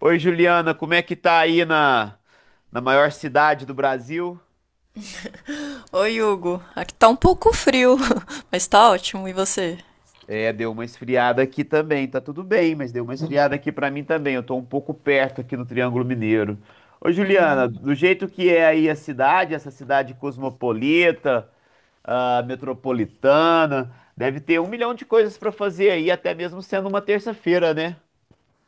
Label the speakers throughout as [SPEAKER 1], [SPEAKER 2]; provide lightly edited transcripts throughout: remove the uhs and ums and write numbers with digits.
[SPEAKER 1] Oi, Juliana, como é que tá aí na maior cidade do Brasil?
[SPEAKER 2] Oi, Hugo. Aqui tá um pouco frio, mas tá ótimo. E você?
[SPEAKER 1] É, deu uma esfriada aqui também, tá tudo bem, mas deu uma esfriada aqui pra mim também. Eu tô um pouco perto aqui no Triângulo Mineiro. Ô, Juliana,
[SPEAKER 2] Hum.
[SPEAKER 1] do jeito que é aí a cidade, essa cidade cosmopolita, metropolitana, deve ter 1 milhão de coisas pra fazer aí, até mesmo sendo uma terça-feira, né?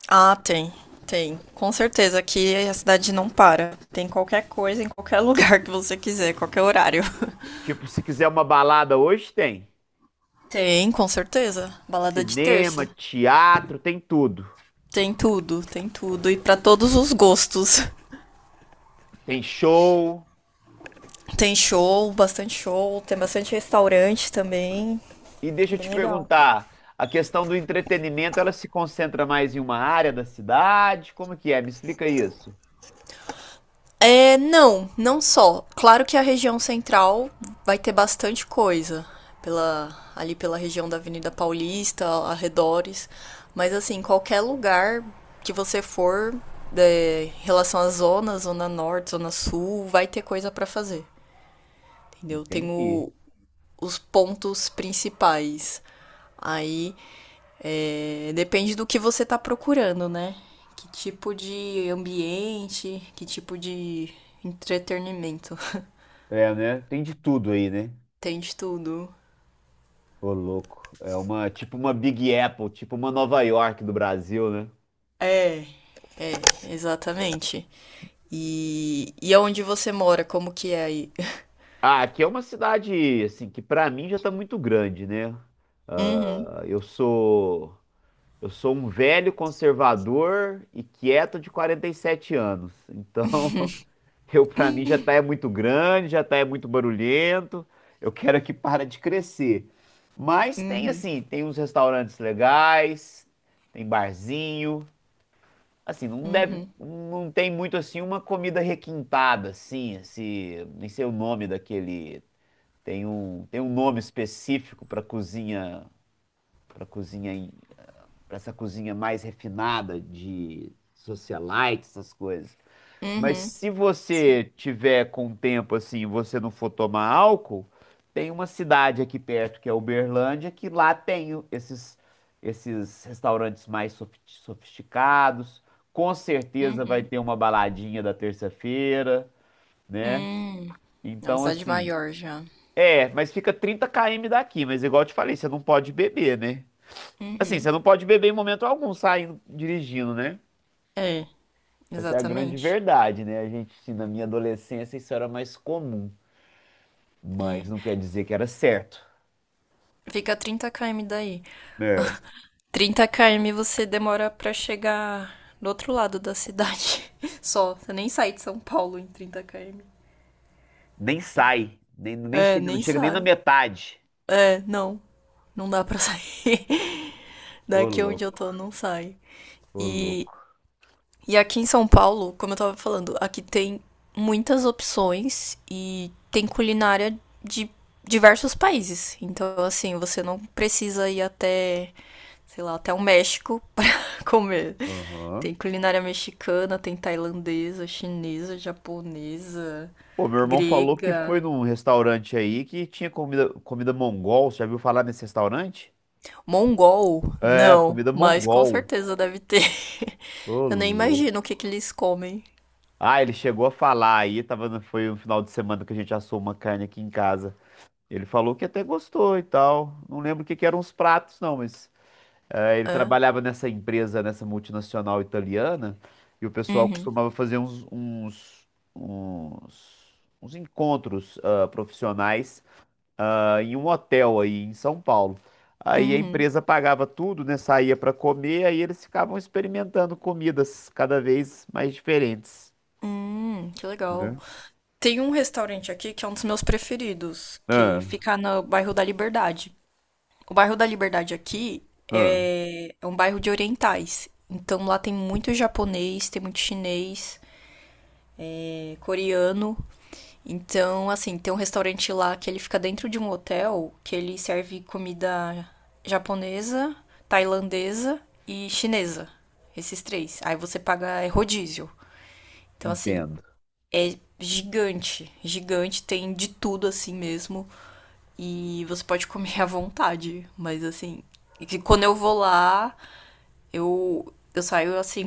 [SPEAKER 2] Ah, tem, tem. Com certeza aqui a cidade não para. Tem qualquer coisa em qualquer lugar que você quiser, qualquer horário.
[SPEAKER 1] Tipo, se quiser uma balada hoje, tem.
[SPEAKER 2] Tem, com certeza. Balada de
[SPEAKER 1] Cinema,
[SPEAKER 2] terça.
[SPEAKER 1] teatro, tem tudo.
[SPEAKER 2] Tem tudo, tem tudo. E pra todos os gostos.
[SPEAKER 1] Tem show.
[SPEAKER 2] Tem show, bastante show. Tem bastante restaurante também.
[SPEAKER 1] E deixa eu
[SPEAKER 2] Bem
[SPEAKER 1] te
[SPEAKER 2] legal.
[SPEAKER 1] perguntar, a questão do entretenimento, ela se concentra mais em uma área da cidade? Como que é? Me explica isso.
[SPEAKER 2] É, não, não só. Claro que a região central vai ter bastante coisa, pela, ali pela região da Avenida Paulista, arredores, mas assim, qualquer lugar que você for, é, em relação à zona norte, zona sul, vai ter coisa pra fazer, entendeu?
[SPEAKER 1] Entendi.
[SPEAKER 2] Os pontos principais. Aí depende do que você está procurando, né? Que tipo de ambiente, que tipo de entretenimento.
[SPEAKER 1] É, né? Tem de tudo aí, né?
[SPEAKER 2] Tem de tudo.
[SPEAKER 1] Ô, louco. É uma, tipo uma Big Apple, tipo uma Nova York do Brasil, né?
[SPEAKER 2] É, é, exatamente. E aonde você mora, como que é aí?
[SPEAKER 1] Ah, aqui é uma cidade, assim, que pra mim já tá muito grande, né?
[SPEAKER 2] Uhum,
[SPEAKER 1] Ah, eu sou, eu sou um velho conservador e quieto de 47 anos. Então, eu, pra mim, já tá é muito grande, já tá é muito barulhento. Eu quero é que para de crescer. Mas tem
[SPEAKER 2] uhum,
[SPEAKER 1] assim, tem uns restaurantes legais, tem barzinho. Assim, não deve,
[SPEAKER 2] uhum,
[SPEAKER 1] não tem muito assim uma comida requintada, assim, esse, nem sei o nome daquele. Tem um nome específico para cozinha, para cozinha, para essa cozinha mais refinada de socialite, essas coisas. Mas
[SPEAKER 2] uhum,
[SPEAKER 1] se
[SPEAKER 2] sim,
[SPEAKER 1] você tiver com tempo assim, e você não for tomar álcool, tem uma cidade aqui perto que é Uberlândia, que lá esses restaurantes mais sofisticados. Com certeza vai
[SPEAKER 2] uhum,
[SPEAKER 1] ter uma baladinha da terça-feira, né?
[SPEAKER 2] hum. É uma
[SPEAKER 1] Então
[SPEAKER 2] cidade
[SPEAKER 1] assim,
[SPEAKER 2] maior já.
[SPEAKER 1] é, mas fica 30 km daqui, mas igual eu te falei, você não pode beber, né? Assim, você
[SPEAKER 2] Uhum.
[SPEAKER 1] não pode beber em momento algum saindo dirigindo, né?
[SPEAKER 2] É,
[SPEAKER 1] Essa é a grande
[SPEAKER 2] exatamente.
[SPEAKER 1] verdade, né? A gente, assim, na minha adolescência, isso era mais comum, mas
[SPEAKER 2] É.
[SPEAKER 1] não quer dizer que era certo.
[SPEAKER 2] Fica a 30 km daí.
[SPEAKER 1] É.
[SPEAKER 2] 30 km você demora pra chegar do outro lado da cidade. Só. Você nem sai de São Paulo em 30 km.
[SPEAKER 1] Nem sai, nem, nem
[SPEAKER 2] É,
[SPEAKER 1] chega, não
[SPEAKER 2] nem
[SPEAKER 1] chega nem na
[SPEAKER 2] sai.
[SPEAKER 1] metade.
[SPEAKER 2] É, não. Não dá pra sair.
[SPEAKER 1] Ô,
[SPEAKER 2] Daqui onde eu
[SPEAKER 1] louco,
[SPEAKER 2] tô, não sai.
[SPEAKER 1] ô,
[SPEAKER 2] E
[SPEAKER 1] louco.
[SPEAKER 2] E aqui em São Paulo, como eu tava falando, aqui tem muitas opções e tem culinária de diversos países. Então, assim, você não precisa ir até, sei lá, até o México pra comer.
[SPEAKER 1] Aham.
[SPEAKER 2] Tem culinária mexicana, tem tailandesa, chinesa, japonesa,
[SPEAKER 1] Pô, meu irmão falou que foi
[SPEAKER 2] grega.
[SPEAKER 1] num restaurante aí que tinha comida mongol. Você já viu falar nesse restaurante?
[SPEAKER 2] Mongol?
[SPEAKER 1] É,
[SPEAKER 2] Não,
[SPEAKER 1] comida
[SPEAKER 2] mas com
[SPEAKER 1] mongol.
[SPEAKER 2] certeza deve ter.
[SPEAKER 1] Ô,
[SPEAKER 2] Eu nem
[SPEAKER 1] louco.
[SPEAKER 2] imagino o que que eles comem.
[SPEAKER 1] Ah, ele chegou a falar aí, tava, no- foi um final de semana que a gente assou uma carne aqui em casa. Ele falou que até gostou e tal. Não lembro o que que eram os pratos, não, mas é, ele
[SPEAKER 2] É.
[SPEAKER 1] trabalhava nessa empresa, nessa multinacional italiana, e o pessoal
[SPEAKER 2] Uhum,
[SPEAKER 1] costumava fazer uns encontros profissionais em um hotel aí em São Paulo. Aí a
[SPEAKER 2] uhum.
[SPEAKER 1] empresa pagava tudo, né? Saía para comer, aí eles ficavam experimentando comidas cada vez mais diferentes.
[SPEAKER 2] Que legal. Tem um restaurante aqui que é um dos meus preferidos, que
[SPEAKER 1] Ah,
[SPEAKER 2] fica no bairro da Liberdade. O bairro da Liberdade aqui
[SPEAKER 1] ah,
[SPEAKER 2] é um bairro de orientais. Então lá tem muito japonês, tem muito chinês, coreano. Então, assim, tem um restaurante lá que ele fica dentro de um hotel que ele serve comida japonesa, tailandesa e chinesa. Esses três. Aí você paga é rodízio. Então, assim,
[SPEAKER 1] entendo.
[SPEAKER 2] gigante, gigante, tem de tudo assim mesmo. E você pode comer à vontade, mas assim, e quando eu vou lá, eu saio assim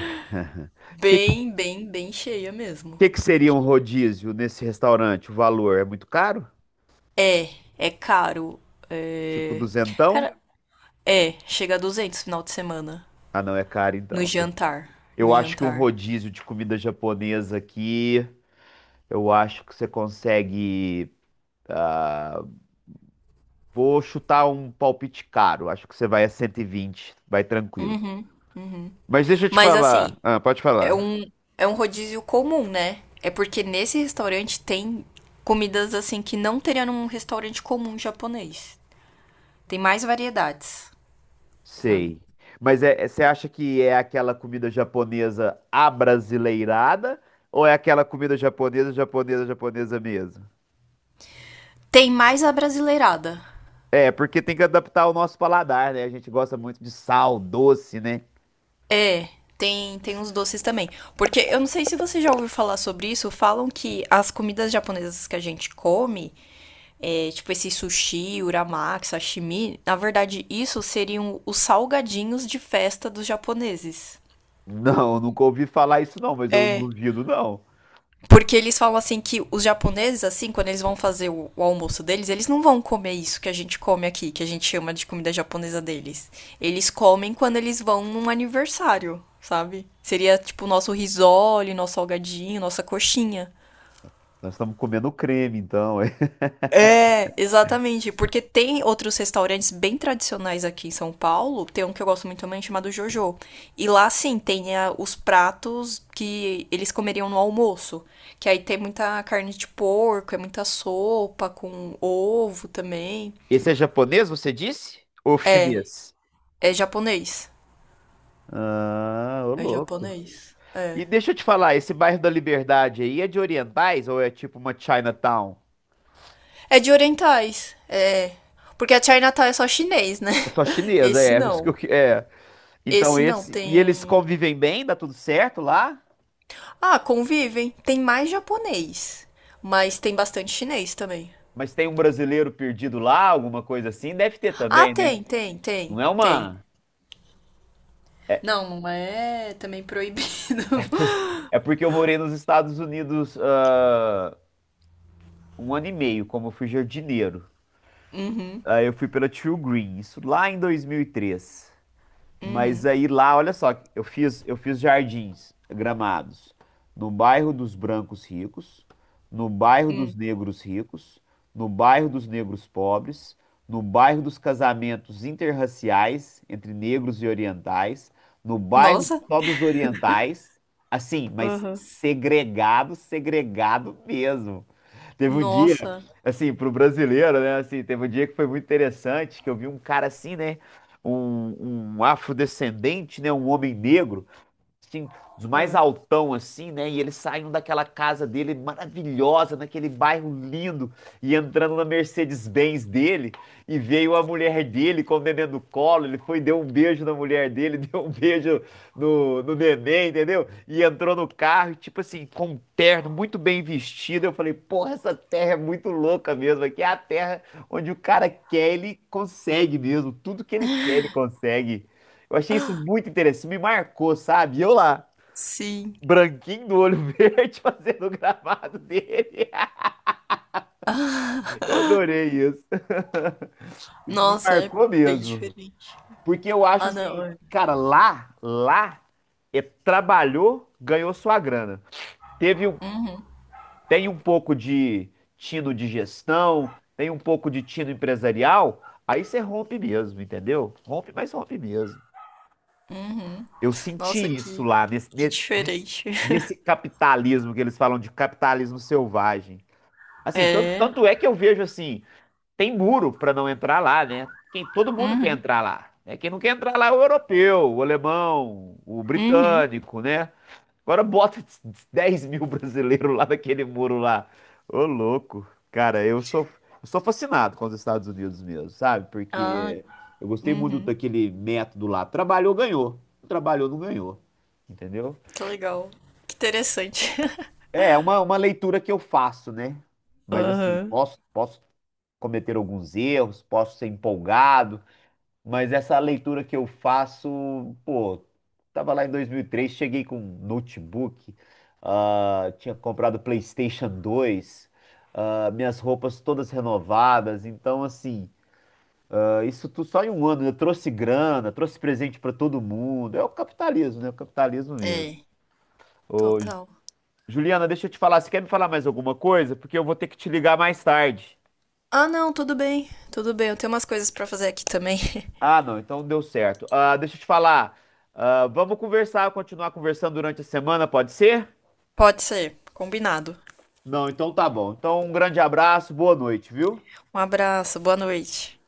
[SPEAKER 1] Que,
[SPEAKER 2] bem, bem, bem cheia mesmo,
[SPEAKER 1] que seria um
[SPEAKER 2] porque
[SPEAKER 1] rodízio nesse restaurante? O valor é muito caro?
[SPEAKER 2] é, é caro.
[SPEAKER 1] Tipo
[SPEAKER 2] É.
[SPEAKER 1] duzentão?
[SPEAKER 2] Cara, chega a 200 final de semana
[SPEAKER 1] Ah, não, é caro
[SPEAKER 2] no
[SPEAKER 1] então.
[SPEAKER 2] jantar, no
[SPEAKER 1] Eu acho que um
[SPEAKER 2] jantar.
[SPEAKER 1] rodízio de comida japonesa aqui, eu acho que você consegue. ah, Vou chutar um palpite caro. Acho que você vai a 120, vai tranquilo.
[SPEAKER 2] Uhum, uhum.
[SPEAKER 1] Mas deixa eu te
[SPEAKER 2] Mas assim,
[SPEAKER 1] falar. Ah, pode
[SPEAKER 2] É
[SPEAKER 1] falar.
[SPEAKER 2] um, é um rodízio comum, né? É porque nesse restaurante tem comidas assim que não teria num restaurante comum japonês. Tem mais variedades, sabe?
[SPEAKER 1] Sei. Mas você acha que é aquela comida japonesa abrasileirada ou é aquela comida japonesa mesmo?
[SPEAKER 2] Tem mais a brasileirada.
[SPEAKER 1] É, porque tem que adaptar o nosso paladar, né? A gente gosta muito de sal, doce, né?
[SPEAKER 2] É, tem uns doces também. Porque eu não sei se você já ouviu falar sobre isso, falam que as comidas japonesas que a gente come, tipo esse sushi, uramaki, sashimi, na verdade isso seriam os salgadinhos de festa dos japoneses.
[SPEAKER 1] Não, nunca ouvi falar isso não, mas eu não
[SPEAKER 2] É.
[SPEAKER 1] duvido não.
[SPEAKER 2] Porque eles falam assim que os japoneses, assim, quando eles vão fazer o almoço deles, eles não vão comer isso que a gente come aqui, que a gente chama de comida japonesa deles. Eles comem quando eles vão num aniversário, sabe? Seria tipo o nosso risole, nosso salgadinho, nossa coxinha.
[SPEAKER 1] Nós estamos comendo creme, então. É.
[SPEAKER 2] É, exatamente, porque tem outros restaurantes bem tradicionais aqui em São Paulo, tem um que eu gosto muito também chamado Jojo. E lá sim, tem os pratos que eles comeriam no almoço, que aí tem muita carne de porco, é muita sopa com ovo também.
[SPEAKER 1] Esse é japonês, você disse? Ou
[SPEAKER 2] É,
[SPEAKER 1] chinês?
[SPEAKER 2] é, japonês.
[SPEAKER 1] Ah, ô
[SPEAKER 2] É
[SPEAKER 1] louco.
[SPEAKER 2] japonês. É.
[SPEAKER 1] E deixa eu te falar, esse bairro da Liberdade aí é de orientais ou é tipo uma Chinatown?
[SPEAKER 2] É de orientais. É. Porque a Chinatown é só chinês, né?
[SPEAKER 1] É só chinesa,
[SPEAKER 2] Esse
[SPEAKER 1] é,
[SPEAKER 2] não.
[SPEAKER 1] é. Então
[SPEAKER 2] Esse não
[SPEAKER 1] esse, e eles
[SPEAKER 2] tem
[SPEAKER 1] convivem bem, dá tudo certo lá?
[SPEAKER 2] Ah, convivem. Tem mais japonês, mas tem bastante chinês também.
[SPEAKER 1] Mas tem um brasileiro perdido lá, alguma coisa assim? Deve ter
[SPEAKER 2] Ah,
[SPEAKER 1] também, né?
[SPEAKER 2] tem, tem, tem,
[SPEAKER 1] Não é
[SPEAKER 2] tem.
[SPEAKER 1] uma.
[SPEAKER 2] Não, não é também proibido.
[SPEAKER 1] É porque eu morei nos Estados Unidos, um ano e meio como eu fui jardineiro.
[SPEAKER 2] Uhum,
[SPEAKER 1] Aí eu fui pela True Green, isso lá em dois mil e três. Mas
[SPEAKER 2] uhum,
[SPEAKER 1] aí lá, olha só, eu fiz jardins gramados no bairro dos brancos ricos, no bairro dos
[SPEAKER 2] uhum.
[SPEAKER 1] negros ricos, no bairro dos negros pobres, no bairro dos casamentos interraciais entre negros e orientais, no bairro
[SPEAKER 2] Nossa.
[SPEAKER 1] só dos orientais, assim, mas
[SPEAKER 2] Aham.
[SPEAKER 1] segregado, segregado mesmo. Teve um dia,
[SPEAKER 2] Nossa.
[SPEAKER 1] assim, pro brasileiro, né? Assim, teve um dia que foi muito interessante, que eu vi um cara assim, né? Um afrodescendente, né? Um homem negro assim, dos mais
[SPEAKER 2] Ah,
[SPEAKER 1] altão, assim, né? E eles saindo daquela casa dele maravilhosa, naquele bairro lindo, e entrando na Mercedes-Benz dele, e veio a mulher dele com o neném no colo, ele foi, deu um beijo na mulher dele, deu um beijo no neném, entendeu? E entrou no carro, e, tipo assim, com um terno, muito bem vestido. Eu falei, porra, essa terra é muito louca mesmo, aqui é a terra onde o cara quer, ele consegue mesmo, tudo que ele quer, ele consegue. Eu achei isso muito interessante, me marcou, sabe? E eu lá,
[SPEAKER 2] sim.
[SPEAKER 1] branquinho do olho verde, fazendo o gravado dele.
[SPEAKER 2] Ah.
[SPEAKER 1] Eu adorei isso. Isso me
[SPEAKER 2] Nossa, é
[SPEAKER 1] marcou
[SPEAKER 2] bem
[SPEAKER 1] mesmo.
[SPEAKER 2] diferente.
[SPEAKER 1] Porque eu acho
[SPEAKER 2] Ah, não.
[SPEAKER 1] assim,
[SPEAKER 2] É.
[SPEAKER 1] cara, é, trabalhou, ganhou sua grana. Teve, um- Tem um pouco de tino de gestão, tem um pouco de tino empresarial, aí você rompe mesmo, entendeu? Rompe, mas rompe mesmo. Eu senti
[SPEAKER 2] Nossa,
[SPEAKER 1] isso lá,
[SPEAKER 2] que diferente.
[SPEAKER 1] nesse capitalismo que eles falam de capitalismo selvagem. Assim,
[SPEAKER 2] É.
[SPEAKER 1] tanto é que eu vejo assim, tem muro para não entrar lá, né? Quem, todo mundo quer
[SPEAKER 2] Uhum,
[SPEAKER 1] entrar lá. Né? Quem não quer entrar lá é o europeu, o alemão, o
[SPEAKER 2] uhum.
[SPEAKER 1] britânico, né? Agora bota 10 mil brasileiros lá naquele muro lá. Ô, louco. Cara, eu sou fascinado com os Estados Unidos mesmo, sabe?
[SPEAKER 2] Ah,
[SPEAKER 1] Porque eu gostei muito
[SPEAKER 2] uhum.
[SPEAKER 1] daquele método lá. Trabalhou, ganhou. Não trabalhou, não ganhou. Entendeu?
[SPEAKER 2] Que legal. Que interessante.
[SPEAKER 1] É uma leitura que eu faço, né? Mas assim,
[SPEAKER 2] Aham.
[SPEAKER 1] posso cometer alguns erros, posso ser empolgado, mas essa leitura que eu faço, pô, tava lá em 2003, cheguei com um notebook, tinha comprado PlayStation 2, minhas roupas todas renovadas, então assim, isso tudo só em um ano, eu trouxe grana, trouxe presente pra todo mundo, é o capitalismo, né? O capitalismo mesmo.
[SPEAKER 2] É,
[SPEAKER 1] Ô,
[SPEAKER 2] total.
[SPEAKER 1] Juliana, deixa eu te falar, você quer me falar mais alguma coisa? Porque eu vou ter que te ligar mais tarde.
[SPEAKER 2] Ah, não, tudo bem. Tudo bem, eu tenho umas coisas pra fazer aqui também.
[SPEAKER 1] Ah, não, então deu certo. Ah, deixa eu te falar. Ah, vamos conversar, continuar conversando durante a semana, pode ser?
[SPEAKER 2] Pode ser, combinado.
[SPEAKER 1] Não, então tá bom. Então, um grande abraço, boa noite, viu?
[SPEAKER 2] Um abraço, boa noite.